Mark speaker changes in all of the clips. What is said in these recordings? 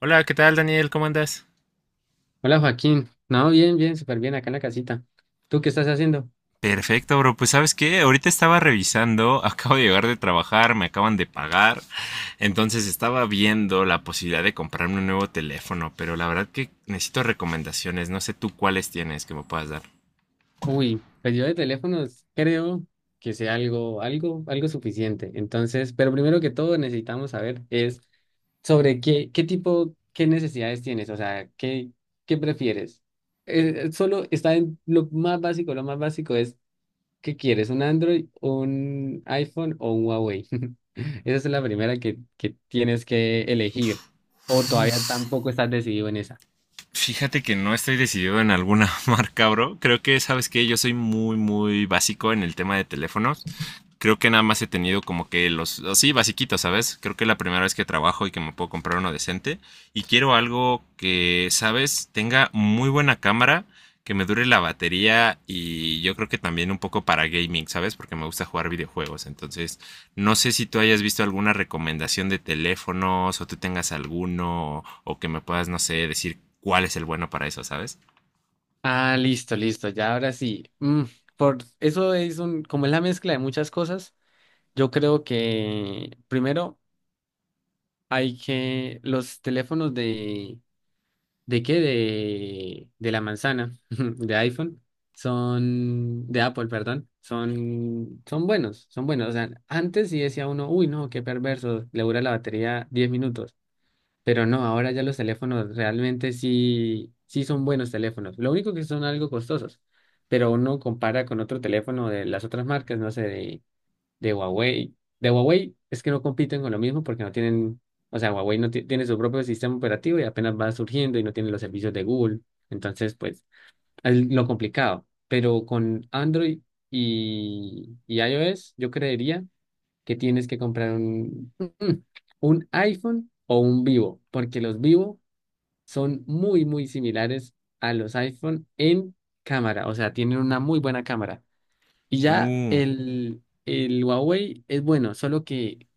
Speaker 1: Hola, ¿qué tal Daniel? ¿Cómo andas?
Speaker 2: Hola Joaquín, no, bien, bien, súper bien acá en la casita. ¿Tú qué estás haciendo?
Speaker 1: Perfecto, bro. Pues sabes qué, ahorita estaba revisando, acabo de llegar de trabajar, me acaban de pagar, entonces estaba viendo la posibilidad de comprarme un nuevo teléfono, pero la verdad que necesito recomendaciones, no sé tú cuáles tienes que me puedas dar.
Speaker 2: Uy, pues yo de teléfonos creo que sea algo suficiente. Entonces, pero primero que todo necesitamos saber es sobre qué tipo, qué necesidades tienes, o sea, qué prefieres. Solo está en lo más básico es ¿qué quieres? ¿Un Android, un iPhone o un Huawei? Esa es la primera que tienes que elegir. O todavía tampoco estás decidido en esa.
Speaker 1: Fíjate que no estoy decidido en alguna marca, bro. Creo que, sabes que yo soy muy básico en el tema de teléfonos. Creo que nada más he tenido como que los, así, basiquitos, ¿sabes? Creo que es la primera vez que trabajo y que me puedo comprar uno decente. Y quiero algo que, ¿sabes? Tenga muy buena cámara, que me dure la batería y yo creo que también un poco para gaming, ¿sabes? Porque me gusta jugar videojuegos. Entonces, no sé si tú hayas visto alguna recomendación de teléfonos o tú tengas alguno o que me puedas, no sé, decir cuál es el bueno para eso, ¿sabes?
Speaker 2: Ah, listo, listo, ya ahora sí. Por eso es como es la mezcla de muchas cosas, yo creo que primero hay que los teléfonos ¿de qué? De la manzana, de iPhone, son, de Apple, perdón, son buenos, son buenos. O sea, antes sí decía uno, uy, no, qué perverso, le dura la batería 10 minutos. Pero no, ahora ya los teléfonos realmente sí son buenos teléfonos. Lo único que son algo costosos, pero uno compara con otro teléfono de las otras marcas, no sé, de Huawei. De Huawei es que no compiten con lo mismo porque no tienen, o sea, Huawei no tiene su propio sistema operativo y apenas va surgiendo y no tiene los servicios de Google. Entonces, pues, es lo complicado. Pero con Android y iOS, yo creería que tienes que comprar un iPhone o un Vivo, porque los Vivo son muy, muy similares a los iPhone en cámara, o sea, tienen una muy buena cámara. Y ya
Speaker 1: Uh,
Speaker 2: el Huawei es bueno, solo que,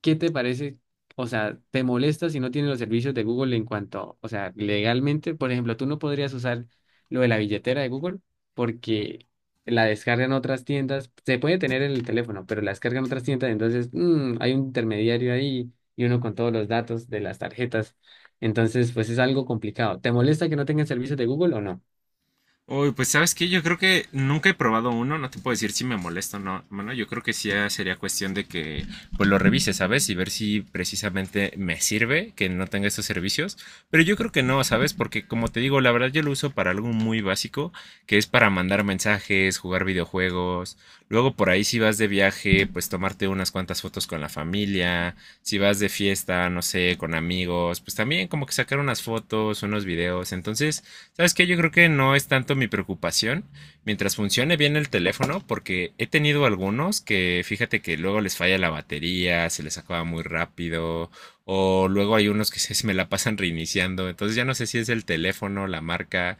Speaker 2: ¿qué te parece? O sea, ¿te molesta si no tiene los servicios de Google en cuanto, o sea, legalmente, por ejemplo, tú no podrías usar lo de la billetera de Google porque la descargan otras tiendas, se puede tener en el teléfono, pero la descargan otras tiendas, entonces hay un intermediario ahí y uno con todos los datos de las tarjetas, entonces pues es algo complicado. ¿Te molesta que no tengan servicios de Google o no?
Speaker 1: Uy, pues sabes que yo creo que nunca he probado uno, no te puedo decir si me molesta o no. Bueno, yo creo que sí sería cuestión de que pues lo revise, ¿sabes? Y ver si precisamente me sirve que no tenga estos servicios. Pero yo creo que no, ¿sabes? Porque como te digo, la verdad yo lo uso para algo muy básico, que es para mandar mensajes, jugar videojuegos. Luego por ahí si vas de viaje, pues tomarte unas cuantas fotos con la familia. Si vas de fiesta, no sé, con amigos, pues también como que sacar unas fotos, unos videos. Entonces, ¿sabes qué? Yo creo que no es tanto mi preocupación mientras funcione bien el teléfono, porque he tenido algunos que fíjate que luego les falla la batería, se les acaba muy rápido, o luego hay unos que se me la pasan reiniciando, entonces ya no sé si es el teléfono, la marca,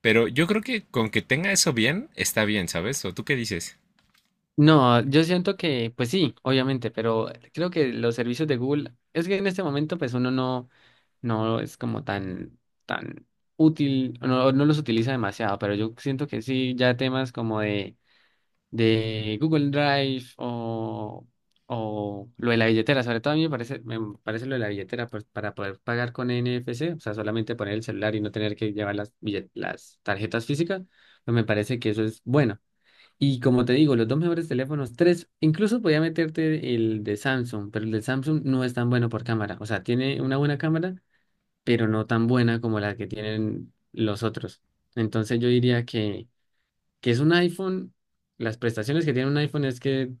Speaker 1: pero yo creo que con que tenga eso bien, está bien, ¿sabes? ¿O tú qué dices?
Speaker 2: No, yo siento que, pues sí, obviamente, pero creo que los servicios de Google, es que en este momento, pues uno no es como tan útil, no los utiliza demasiado, pero yo siento que sí, ya temas como de, Google Drive o lo de la billetera, sobre todo a mí me parece lo de la billetera pues, para poder pagar con NFC, o sea, solamente poner el celular y no tener que llevar las tarjetas físicas, pues me parece que eso es bueno. Y como te digo, los dos mejores teléfonos, tres, incluso podía meterte el de Samsung, pero el de Samsung no es tan bueno por cámara. O sea, tiene una buena cámara, pero no tan buena como la que tienen los otros. Entonces yo diría que es un iPhone. Las prestaciones que tiene un iPhone es que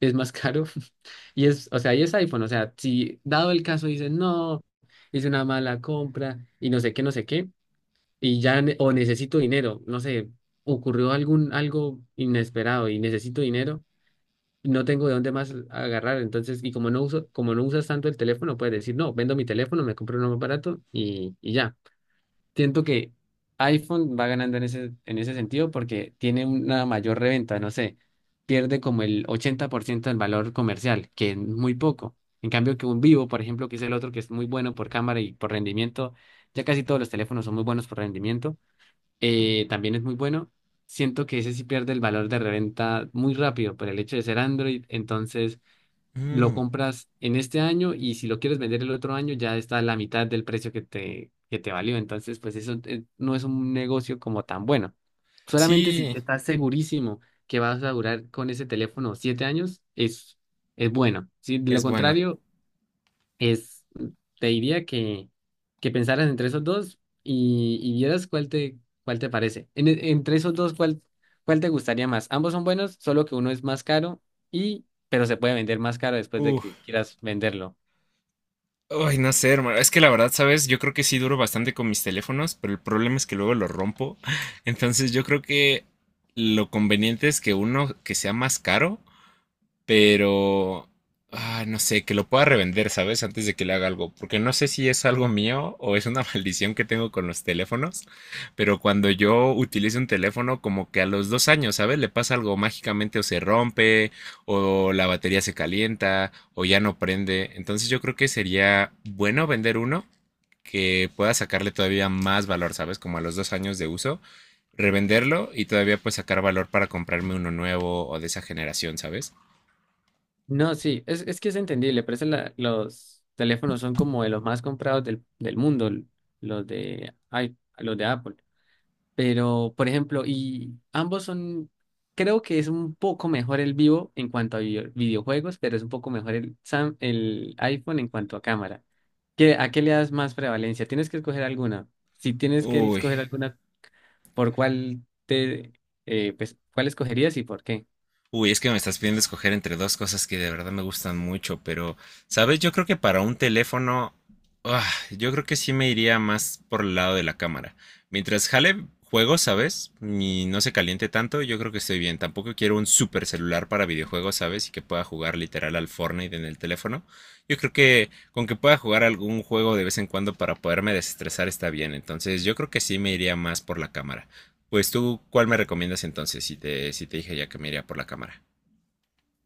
Speaker 2: es más caro. Y es, o sea, y es iPhone. O sea, si dado el caso dices, no, hice una mala compra y no sé qué, no sé qué, y ya, o necesito dinero, no sé, ocurrió algo inesperado y necesito dinero, no tengo de dónde más agarrar, entonces, y como no usas tanto el teléfono, puedes decir, no, vendo mi teléfono, me compro uno más barato y ya. Siento que iPhone va ganando en ese sentido porque tiene una mayor reventa, no sé, pierde como el 80% del valor comercial, que es muy poco. En cambio que un Vivo, por ejemplo, que es el otro que es muy bueno por cámara y por rendimiento, ya casi todos los teléfonos son muy buenos por rendimiento, también es muy bueno. Siento que ese sí pierde el valor de reventa muy rápido por el hecho de ser Android. Entonces lo
Speaker 1: Mm,
Speaker 2: compras en este año y si lo quieres vender el otro año ya está a la mitad del precio que te valió. Entonces pues eso, no es un negocio como tan bueno. Solamente si
Speaker 1: sí,
Speaker 2: estás segurísimo que vas a durar con ese teléfono 7 años es bueno. Si de lo
Speaker 1: es bueno.
Speaker 2: contrario es, te diría que pensaras entre esos dos y vieras cuál te parece. Entre esos dos, ¿Cuál te gustaría más? Ambos son buenos, solo que uno es más caro pero se puede vender más caro después de que
Speaker 1: Uf,
Speaker 2: quieras venderlo.
Speaker 1: ay, no sé, hermano. Es que la verdad, ¿sabes? Yo creo que sí duro bastante con mis teléfonos, pero el problema es que luego los rompo. Entonces yo creo que lo conveniente es que uno que sea más caro pero ah, no sé, que lo pueda revender, ¿sabes? Antes de que le haga algo, porque no sé si es algo mío o es una maldición que tengo con los teléfonos, pero cuando yo utilizo un teléfono, como que a los dos años, ¿sabes? Le pasa algo mágicamente o se rompe, o la batería se calienta, o ya no prende. Entonces yo creo que sería bueno vender uno que pueda sacarle todavía más valor, ¿sabes? Como a los dos años de uso, revenderlo y todavía pues sacar valor para comprarme uno nuevo o de esa generación, ¿sabes?
Speaker 2: No, sí, es que es entendible, por eso los teléfonos son como de los más comprados del, del mundo, ay, los de Apple. Pero, por ejemplo, y ambos son, creo que es un poco mejor el vivo en cuanto a videojuegos, pero es un poco mejor el iPhone en cuanto a cámara. ¿A qué le das más prevalencia? Tienes que escoger alguna. Si tienes que
Speaker 1: Uy,
Speaker 2: escoger alguna, ¿por cuál te, pues, cuál escogerías y por qué?
Speaker 1: uy, es que me estás pidiendo escoger entre dos cosas que de verdad me gustan mucho, pero, ¿sabes? Yo creo que para un teléfono, ah, yo creo que sí me iría más por el lado de la cámara. Mientras jale juegos, ¿sabes? Y no se caliente tanto, yo creo que estoy bien. Tampoco quiero un super celular para videojuegos, ¿sabes? Y que pueda jugar literal al Fortnite en el teléfono. Yo creo que con que pueda jugar algún juego de vez en cuando para poderme desestresar está bien. Entonces, yo creo que sí me iría más por la cámara. Pues tú, ¿cuál me recomiendas entonces si te, si te dije ya que me iría por la cámara?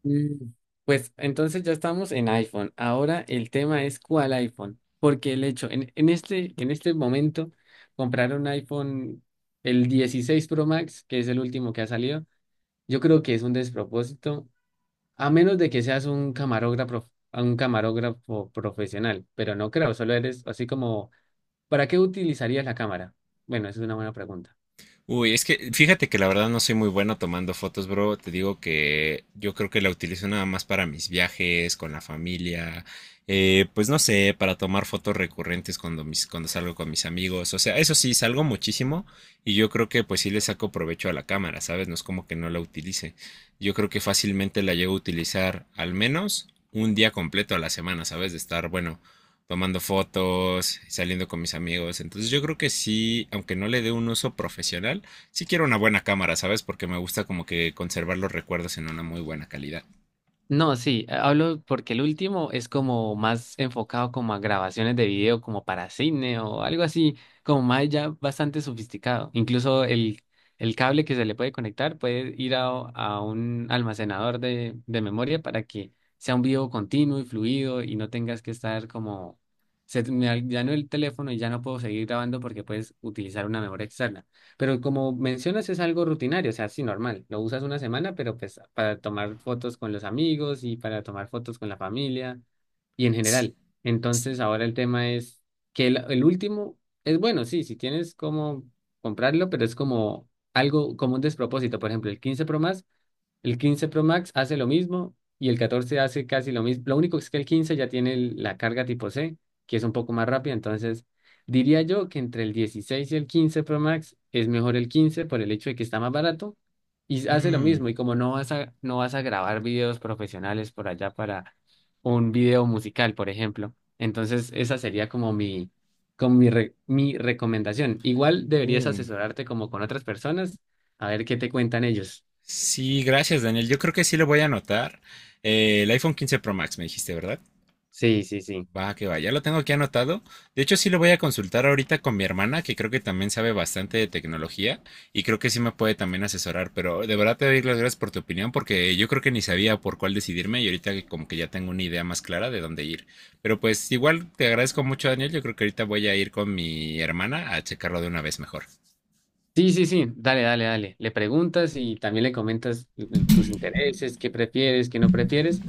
Speaker 2: Mm. Pues entonces ya estamos en iPhone. Ahora el tema es cuál iPhone. Porque el hecho, en este, en este, momento, comprar un iPhone, el 16 Pro Max, que es el último que ha salido, yo creo que es un despropósito, a menos de que seas un camarógrafo profesional. Pero no creo, solo eres así como, ¿para qué utilizarías la cámara? Bueno, esa es una buena.
Speaker 1: Uy, es que fíjate que la verdad no soy muy bueno tomando fotos, bro. Te digo que yo creo que la utilizo nada más para mis viajes, con la familia, pues no sé, para tomar fotos recurrentes cuando, mis, cuando salgo con mis amigos. O sea, eso sí, salgo muchísimo y yo creo que pues sí le saco provecho a la cámara, ¿sabes? No es como que no la utilice. Yo creo que fácilmente la llevo a utilizar al menos un día completo a la semana, ¿sabes? De estar, bueno, tomando fotos, saliendo con mis amigos. Entonces yo creo que sí, aunque no le dé un uso profesional, sí quiero una buena cámara, ¿sabes? Porque me gusta como que conservar los recuerdos en una muy buena calidad.
Speaker 2: No, sí, hablo porque el último es como más enfocado como a grabaciones de video, como para cine o algo así, como más ya bastante sofisticado. Incluso el cable que se le puede conectar puede ir a un almacenador de memoria para que sea un video continuo y fluido y no tengas que estar como, me dañó el teléfono y ya no puedo seguir grabando porque puedes utilizar una memoria externa. Pero como mencionas, es algo rutinario, o sea, sí, normal. Lo usas una semana, pero pues para tomar fotos con los amigos y para tomar fotos con la familia y en general. Entonces, ahora el tema es que el último es bueno, sí, si tienes como comprarlo, pero es como algo, como un despropósito. Por ejemplo, el 15 Pro más el 15 Pro Max hace lo mismo y el 14 hace casi lo mismo. Lo único es que el 15 ya tiene la carga tipo C, que es un poco más rápida. Entonces, diría yo que entre el 16 y el 15 Pro Max es mejor el 15 por el hecho de que está más barato y hace lo
Speaker 1: Mm,
Speaker 2: mismo. Y como no vas a grabar videos profesionales por allá para un video musical, por ejemplo. Entonces, esa sería mi recomendación. Igual deberías
Speaker 1: mm.
Speaker 2: asesorarte como con otras personas a ver qué te cuentan ellos.
Speaker 1: Sí, gracias Daniel. Yo creo que sí lo voy a anotar. El iPhone 15 Pro Max me dijiste, ¿verdad?
Speaker 2: Sí, sí, sí.
Speaker 1: Va, que va, ya lo tengo aquí anotado. De hecho, sí lo voy a consultar ahorita con mi hermana, que creo que también sabe bastante de tecnología y creo que sí me puede también asesorar. Pero de verdad te doy las gracias por tu opinión, porque yo creo que ni sabía por cuál decidirme y ahorita que como que ya tengo una idea más clara de dónde ir. Pero pues igual te agradezco mucho, Daniel. Yo creo que ahorita voy a ir con mi hermana a checarlo de una vez mejor.
Speaker 2: Sí, sí, sí, dale, dale, dale. Le preguntas y también le comentas tus intereses, qué prefieres, qué no prefieres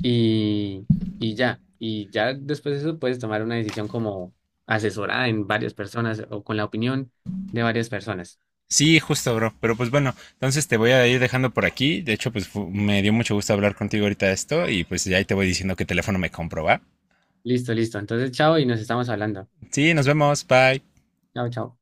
Speaker 2: y, y ya. Y ya después de eso puedes tomar una decisión como asesorada en varias personas o con la opinión de varias personas.
Speaker 1: Sí, justo, bro. Pero pues bueno, entonces te voy a ir dejando por aquí. De hecho, pues me dio mucho gusto hablar contigo ahorita de esto y pues ya ahí te voy diciendo qué teléfono me compro, ¿va?
Speaker 2: Listo, listo. Entonces, chao y nos estamos hablando.
Speaker 1: Sí, nos vemos. Bye.
Speaker 2: Chao, chao.